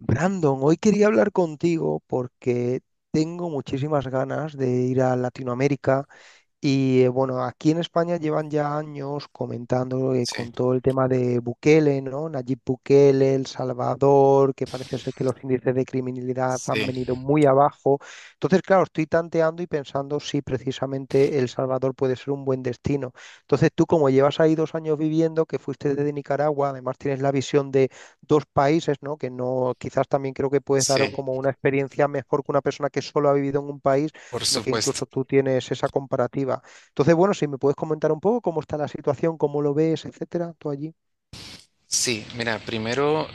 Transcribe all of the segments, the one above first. Brandon, hoy quería hablar contigo porque tengo muchísimas ganas de ir a Latinoamérica, y bueno, aquí en España llevan ya años comentando Sí, con todo el tema de Bukele, ¿no? Nayib Bukele, El Salvador, que parece ser que los índices de criminalidad han sí, venido muy abajo. Entonces, claro, estoy tanteando y pensando si precisamente El Salvador puede ser un buen destino. Entonces, tú como llevas ahí dos años viviendo, que fuiste desde Nicaragua, además tienes la visión de dos países, ¿no? Que no, quizás también creo que puedes sí, dar como una experiencia mejor que una persona que solo ha vivido en un país, por sino que supuesto. incluso tú tienes esa comparativa. Entonces, bueno, si me puedes comentar un poco cómo está la situación, cómo lo ves, etcétera, tú allí. Sí, mira, primero,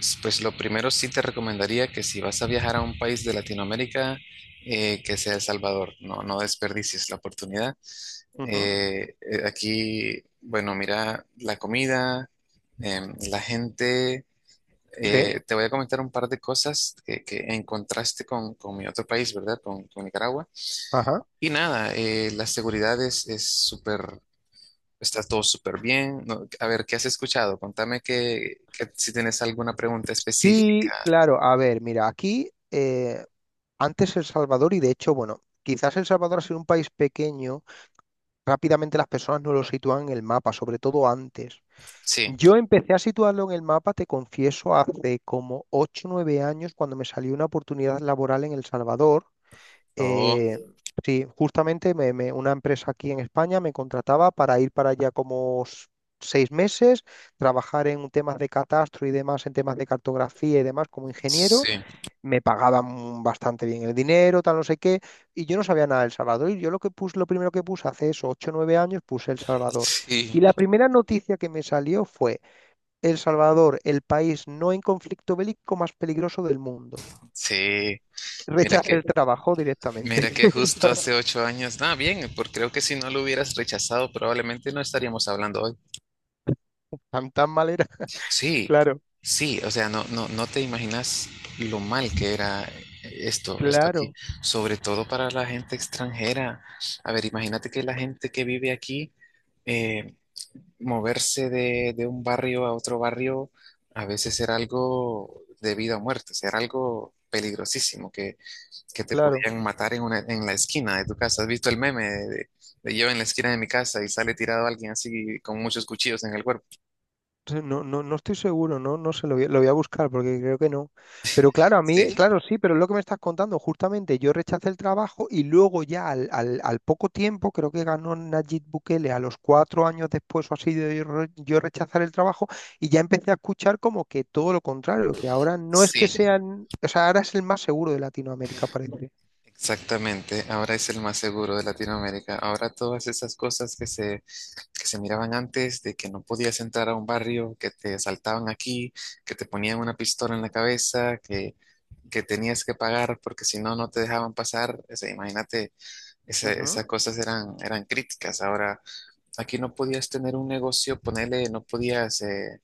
pues lo primero sí te recomendaría que si vas a viajar a un país de Latinoamérica, que sea El Salvador. No, no desperdicies la oportunidad. Ujú. Aquí, bueno, mira, la comida, la gente, Sí. Te voy a comentar un par de cosas que en contraste con mi otro país, ¿verdad? Con Nicaragua. Ajá. Y nada, la seguridad es súper está todo súper bien. No, a ver, ¿qué has escuchado? Contame, que si tienes alguna pregunta específica. Sí, claro, a ver, mira, aquí antes El Salvador, y de hecho, bueno, quizás El Salvador ha sido un país pequeño, rápidamente las personas no lo sitúan en el mapa, sobre todo antes. Sí. Yo empecé a situarlo en el mapa, te confieso, hace como 8 o nueve años cuando me salió una oportunidad laboral en El Salvador. Oh. Eh, sí, justamente una empresa aquí en España me contrataba para ir para allá como seis meses, trabajar en temas de catastro y demás, en temas de cartografía y demás como ingeniero. Sí, Me pagaban bastante bien el dinero, tal, no sé qué, y yo no sabía nada de El Salvador. Y yo lo que puse, lo primero que puse hace eso, ocho o nueve años, puse El Salvador. sí. Y la primera noticia que me salió fue: El Salvador, el país no en conflicto bélico más peligroso del mundo. Sí, sí. Mira Rechacé que, el trabajo mira directamente. que justo hace 8 años. Ah, bien, porque creo que si no lo hubieras rechazado, probablemente no estaríamos hablando hoy. Tan, tan mal era. Sí, Claro, sí. O sea, no, no, no te imaginas lo mal que era, esto aquí. claro, Sobre todo para la gente extranjera. A ver, imagínate que la gente que vive aquí, eh, moverse de un barrio a otro barrio a veces era algo de vida o muerte. O sea, era algo peligrosísimo, que te claro. podían matar en la esquina de tu casa. ¿Has visto el meme de, de yo en la esquina de mi casa y sale tirado alguien así con muchos cuchillos en el cuerpo? Entonces, no, no, no estoy seguro, no, no sé, lo voy a buscar porque creo que no. Pero claro, a mí, Sí, claro, sí, pero es lo que me estás contando, justamente yo rechacé el trabajo y luego ya al poco tiempo, creo que ganó Nayib Bukele a los cuatro años después o así de yo rechazar el trabajo, y ya empecé a escuchar como que todo lo contrario, que ahora no es que sí, sí, sean, o sea, ahora es el más seguro de Latinoamérica, parece. exactamente. Ahora es el más seguro de Latinoamérica. Ahora todas esas cosas que se miraban antes, de que no podías entrar a un barrio, que te asaltaban aquí, que te ponían una pistola en la cabeza, que tenías que pagar porque si no, no te dejaban pasar. O sea, imagínate, Ujú. esas cosas eran críticas. Ahora, aquí no podías tener un negocio, ponele, no podías,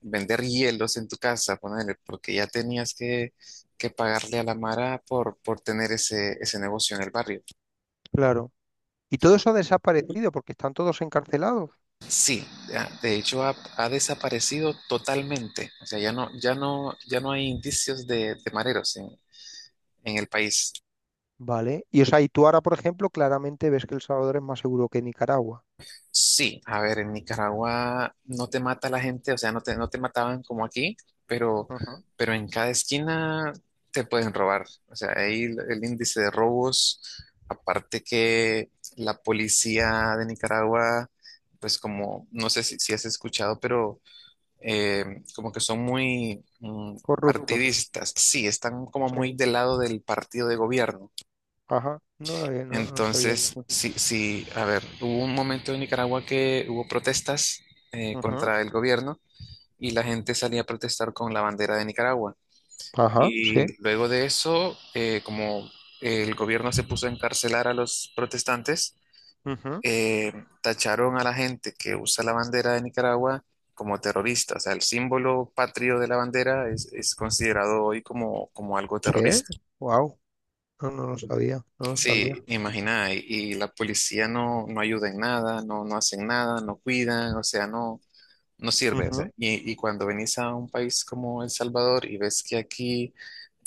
vender hielos en tu casa, ponele, porque ya tenías que pagarle a la Mara por tener ese negocio en el barrio. Claro. Y todo eso ha desaparecido porque están todos encarcelados. Sí, ya, de hecho ha desaparecido totalmente. O sea, ya no hay indicios de mareros en el país. Vale. Y o sea, y tú ahora, por ejemplo, claramente ves que El Salvador es más seguro que Nicaragua. Sí, a ver, en Nicaragua no te mata la gente, o sea, no te mataban como aquí, pero, Ajá. pero en cada esquina te pueden robar. O sea, ahí el índice de robos, aparte que la policía de Nicaragua, pues como, no sé si has escuchado, pero eh, como que son muy Corruptos. partidistas. Sí, están como Sí. muy del lado del partido de gobierno. Ajá. No, no sabía. Entonces, sí, sí, a ver, hubo un momento en Nicaragua que hubo protestas Ajá. contra el gobierno, y la gente salía a protestar con la bandera de Nicaragua. Ajá. Y Sí. luego de eso, como el gobierno se puso a encarcelar a los protestantes, Ujú. eh, tacharon a la gente que usa la bandera de Nicaragua como terrorista. O sea, el símbolo patrio de la bandera es considerado hoy como, como algo Sí. terrorista. Wow. No, no lo sabía. No lo Sí, sabía. imagina, y la policía no, no ayuda en nada, no, no hacen nada, no cuidan, o sea, no, no sirve. O sea, Ujú, y cuando venís a un país como El Salvador y ves que aquí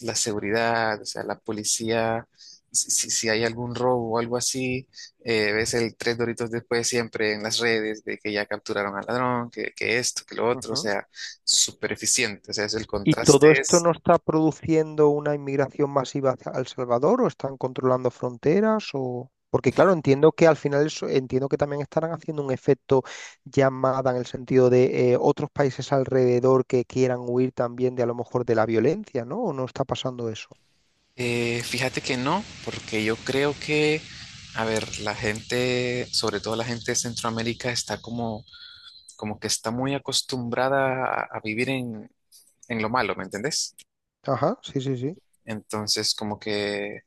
la seguridad, o sea, la policía, si hay algún robo o algo así, ves el tres doritos después siempre en las redes de que ya capturaron al ladrón, que esto, que lo otro. O ujú. sea, súper eficiente. O sea, es el ¿Y contraste todo esto es. no está produciendo una inmigración masiva hacia El Salvador, o están controlando fronteras, o porque claro, entiendo que al final entiendo que también estarán haciendo un efecto llamada en el sentido de otros países alrededor que quieran huir también, de a lo mejor, de la violencia, ¿no? ¿O no está pasando eso? Fíjate que no, porque yo creo que, a ver, la gente, sobre todo la gente de Centroamérica, está como que está muy acostumbrada a vivir en lo malo, ¿me entendés? Ajá, sí, sí, sí. Entonces, como que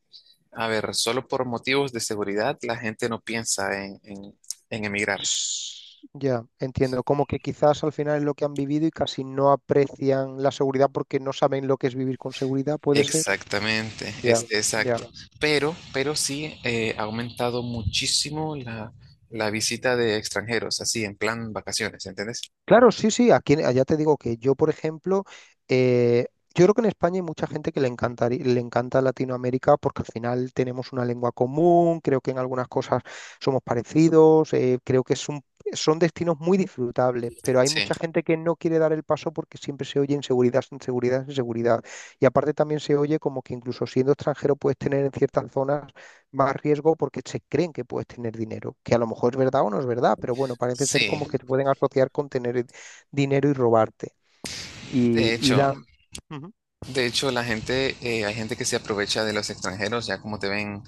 a ver, solo por motivos de seguridad la gente no piensa en, en emigrar. Ya, entiendo. Como que quizás al final es lo que han vivido y casi no aprecian la seguridad porque no saben lo que es vivir con seguridad, puede ser. Exactamente, Ya, es bien, exacto, ya. bien. Pero sí, ha aumentado muchísimo la visita de extranjeros, así en plan vacaciones, ¿entendés? Claro, sí, sí, aquí allá te digo que yo, por ejemplo, eh, yo creo que en España hay mucha gente que le encanta Latinoamérica porque al final tenemos una lengua común, creo que en algunas cosas somos parecidos, creo que son destinos muy disfrutables, pero hay Sí, mucha gente que no quiere dar el paso porque siempre se oye inseguridad, inseguridad, inseguridad. Y aparte también se oye como que incluso siendo extranjero puedes tener en ciertas zonas más riesgo porque se creen que puedes tener dinero, que a lo mejor es verdad o no es verdad, pero bueno, parece ser sí. como que te pueden asociar con tener el dinero y robarte. De Y hecho, dan. Ujú, de hecho la gente, hay gente que se aprovecha de los extranjeros, ya como te ven,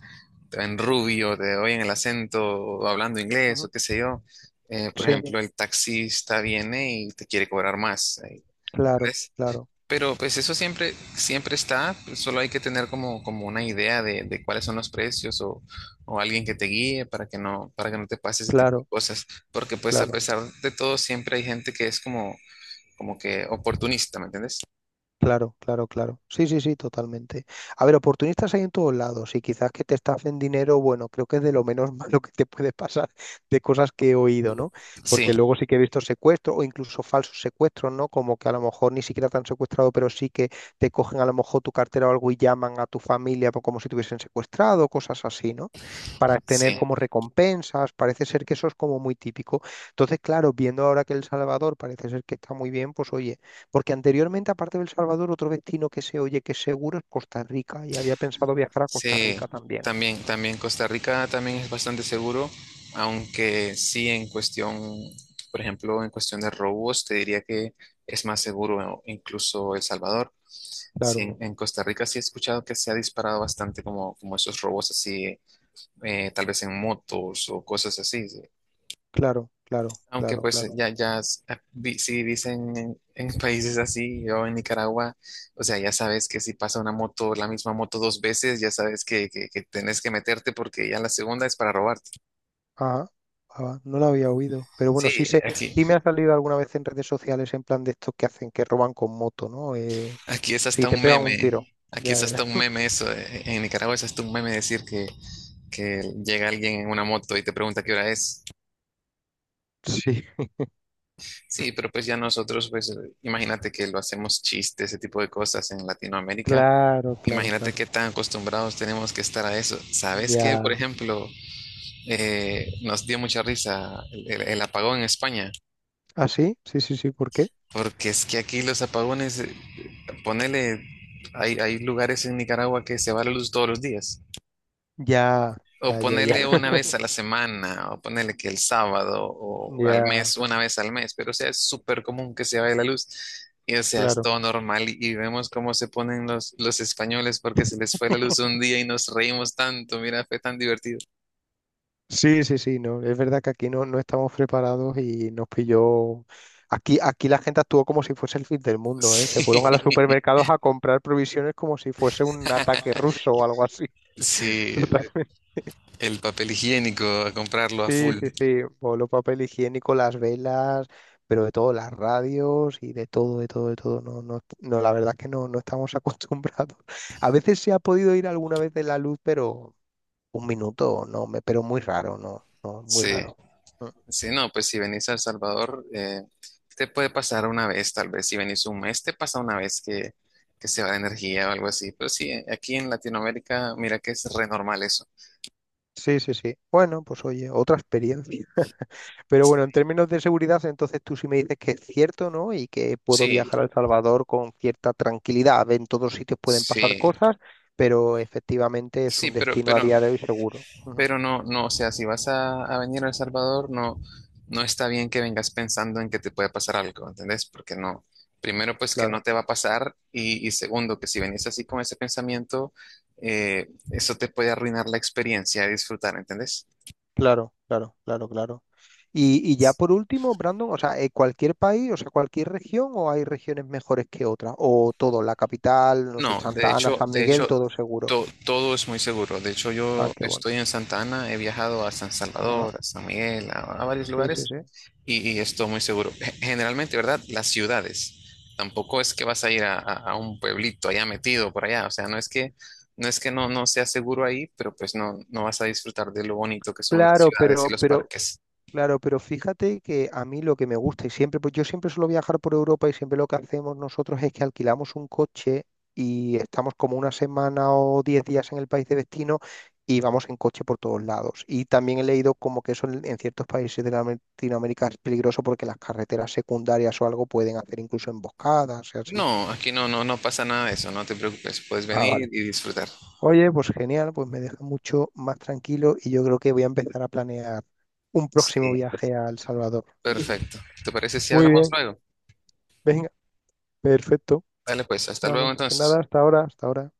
rubio, te oyen el acento, o hablando inglés, o ujú. qué sé yo. Por bien, Sí, ejemplo, el taxista viene y te quiere cobrar más. Claro, ¿Entendés? claro, Pero pues eso siempre está, pues solo hay que tener como una idea de cuáles son los precios, o alguien que te guíe para que no te pase ese tipo de claro, cosas. Porque pues a claro. pesar de todo siempre hay gente que es como que oportunista, ¿me entiendes? Claro, claro, claro. Sí, sí, sí, totalmente. A ver, oportunistas hay en todos lados, y quizás que te estafen dinero, bueno, creo que es de lo menos malo que te puede pasar de cosas que he oído, ¿no? Sí, Porque luego sí que he visto secuestros o incluso falsos secuestros, ¿no? Como que a lo mejor ni siquiera te han secuestrado, pero sí que te cogen a lo mejor tu cartera o algo y llaman a tu familia, como si te hubiesen secuestrado, cosas así, ¿no? Para tener sí. como recompensas, parece ser que eso es como muy típico. Entonces, claro, viendo ahora que El Salvador parece ser que está muy bien, pues oye. Porque anteriormente, aparte de El Salvador, otro destino que se oye que es seguro es Costa Rica, y había pensado viajar a Costa Sí, Rica también. también, Ajá. también Costa Rica también es bastante seguro, aunque sí en cuestión, por ejemplo, en cuestión de robos, te diría que es más seguro incluso El Salvador. Sí, Claro, en Costa Rica sí he escuchado que se ha disparado bastante como esos robos así, tal vez en motos o cosas así. Sí. claro, claro, Aunque claro, pues claro. ya, ya, ah, si dicen en, países así, yo en Nicaragua, o sea, ya sabes que si pasa una moto, la misma moto dos veces, ya sabes que tenés que meterte porque ya la segunda es para robarte. Ajá, ajá, no lo había oído. Pero bueno, sí Sí, sé, aquí, sí me ha salido alguna vez en redes sociales en plan de estos que hacen, que roban con moto, ¿no? Aquí es Sí, hasta te un pegan meme, un tiro. aquí Ya, es hasta ya. un meme eso. En Nicaragua es hasta un meme decir que llega alguien en una moto y te pregunta qué hora es. Sí, Sí, pero pues ya nosotros, pues imagínate que lo hacemos chiste, ese tipo de cosas en Latinoamérica. claro, claro, Imagínate claro. qué tan acostumbrados tenemos que estar a eso. ¿Sabes qué? Por Ya. ejemplo, nos dio mucha risa el, el apagón en España, ¿Ah, sí? Sí, sí, sí, ¿por qué? porque es que aquí los apagones, ponele, hay lugares en Nicaragua que se va la luz todos los días, Ya, o ya, ya, ya. ponele una vez a la semana, o ponele que el sábado, o al Ya, mes, una vez al mes, pero o sea, es súper común que se vaya la luz. Y o sea, es claro. todo normal y vemos cómo se ponen los españoles porque se les fue la luz un día y nos reímos tanto, mira, fue tan divertido. Sí, sí, sí, no, es verdad que aquí no, no estamos preparados y nos pilló. Aquí la gente actuó como si fuese el fin del mundo, ¿eh? Se Sí, fueron a los supermercados a comprar provisiones como si fuese un ataque ruso o algo así. sí, Totalmente. el papel higiénico, a comprarlo a Sí, full. sí, sí. Voló papel higiénico, las velas, pero de todo, las radios y de todo, de todo, de todo. No, no, no, la verdad es que no, no estamos acostumbrados. A veces se ha podido ir alguna vez de la luz, pero un minuto, no, me, pero muy raro, no, no, muy Sí, raro. sí, no, pues si venís a El Salvador, te puede pasar una vez, tal vez. Si venís un mes, te pasa una vez que se va de energía o algo así. Pero sí, aquí en Latinoamérica, mira que es re normal eso. Sí, sí, sí. Bueno, pues oye, otra experiencia. Pero bueno, en términos de seguridad, entonces tú sí me dices que es cierto, ¿no? Y que puedo Sí, viajar a El Salvador con cierta tranquilidad. En todos sitios pueden pasar sí, cosas, pero efectivamente es sí, un pero, destino a pero día de hoy seguro. Ujú. Pero no, no, o sea, si vas a venir a El Salvador, no, no está bien que vengas pensando en que te puede pasar algo, ¿entendés? Porque no, primero pues que no Claro, te va a pasar, y segundo que si venís así con ese pensamiento, eso te puede arruinar la experiencia de disfrutar, ¿entendés? claro, claro, claro, claro. Y ya por último, Brandon, o sea, cualquier país, o sea, cualquier región, ¿o hay regiones mejores que otras, o todo, la capital, no sé, No, de Santa Ana, hecho, San de, sí, Miguel, hecho, todo seguro? Todo es muy seguro. De hecho, Ah, yo qué bueno. estoy en Santa Ana, he viajado a San Ajá. Salvador, a San Miguel, a varios Sí, sí, lugares, sí. y esto muy seguro. Generalmente, ¿verdad? Las ciudades. Tampoco es que vas a ir a, a un pueblito allá metido por allá. O sea, no es que no es que no, no sea seguro ahí, pero pues no, no vas a disfrutar de lo bonito que son las Claro, ciudades pero, y los pero parques. Claro, pero fíjate que a mí lo que me gusta, y siempre, pues yo siempre suelo viajar por Europa y siempre lo que hacemos nosotros es que alquilamos un coche y estamos como una semana o diez días en el país de destino y vamos en coche por todos lados. Y también he leído como que eso en, ciertos países de Latinoamérica es peligroso porque las carreteras secundarias o algo, pueden hacer incluso emboscadas y así. No, aquí no, no, no pasa nada de eso, no te preocupes, puedes Ah, venir vale. y disfrutar. Oye, pues genial, pues me deja mucho más tranquilo y yo creo que voy a empezar a planear un próximo Sí, viaje a El Salvador. perfecto. ¿Te parece si Muy hablamos bien. luego? Venga. Perfecto, Dale pues, hasta luego Brandon. Pues entonces. nada, hasta ahora, hasta ahora.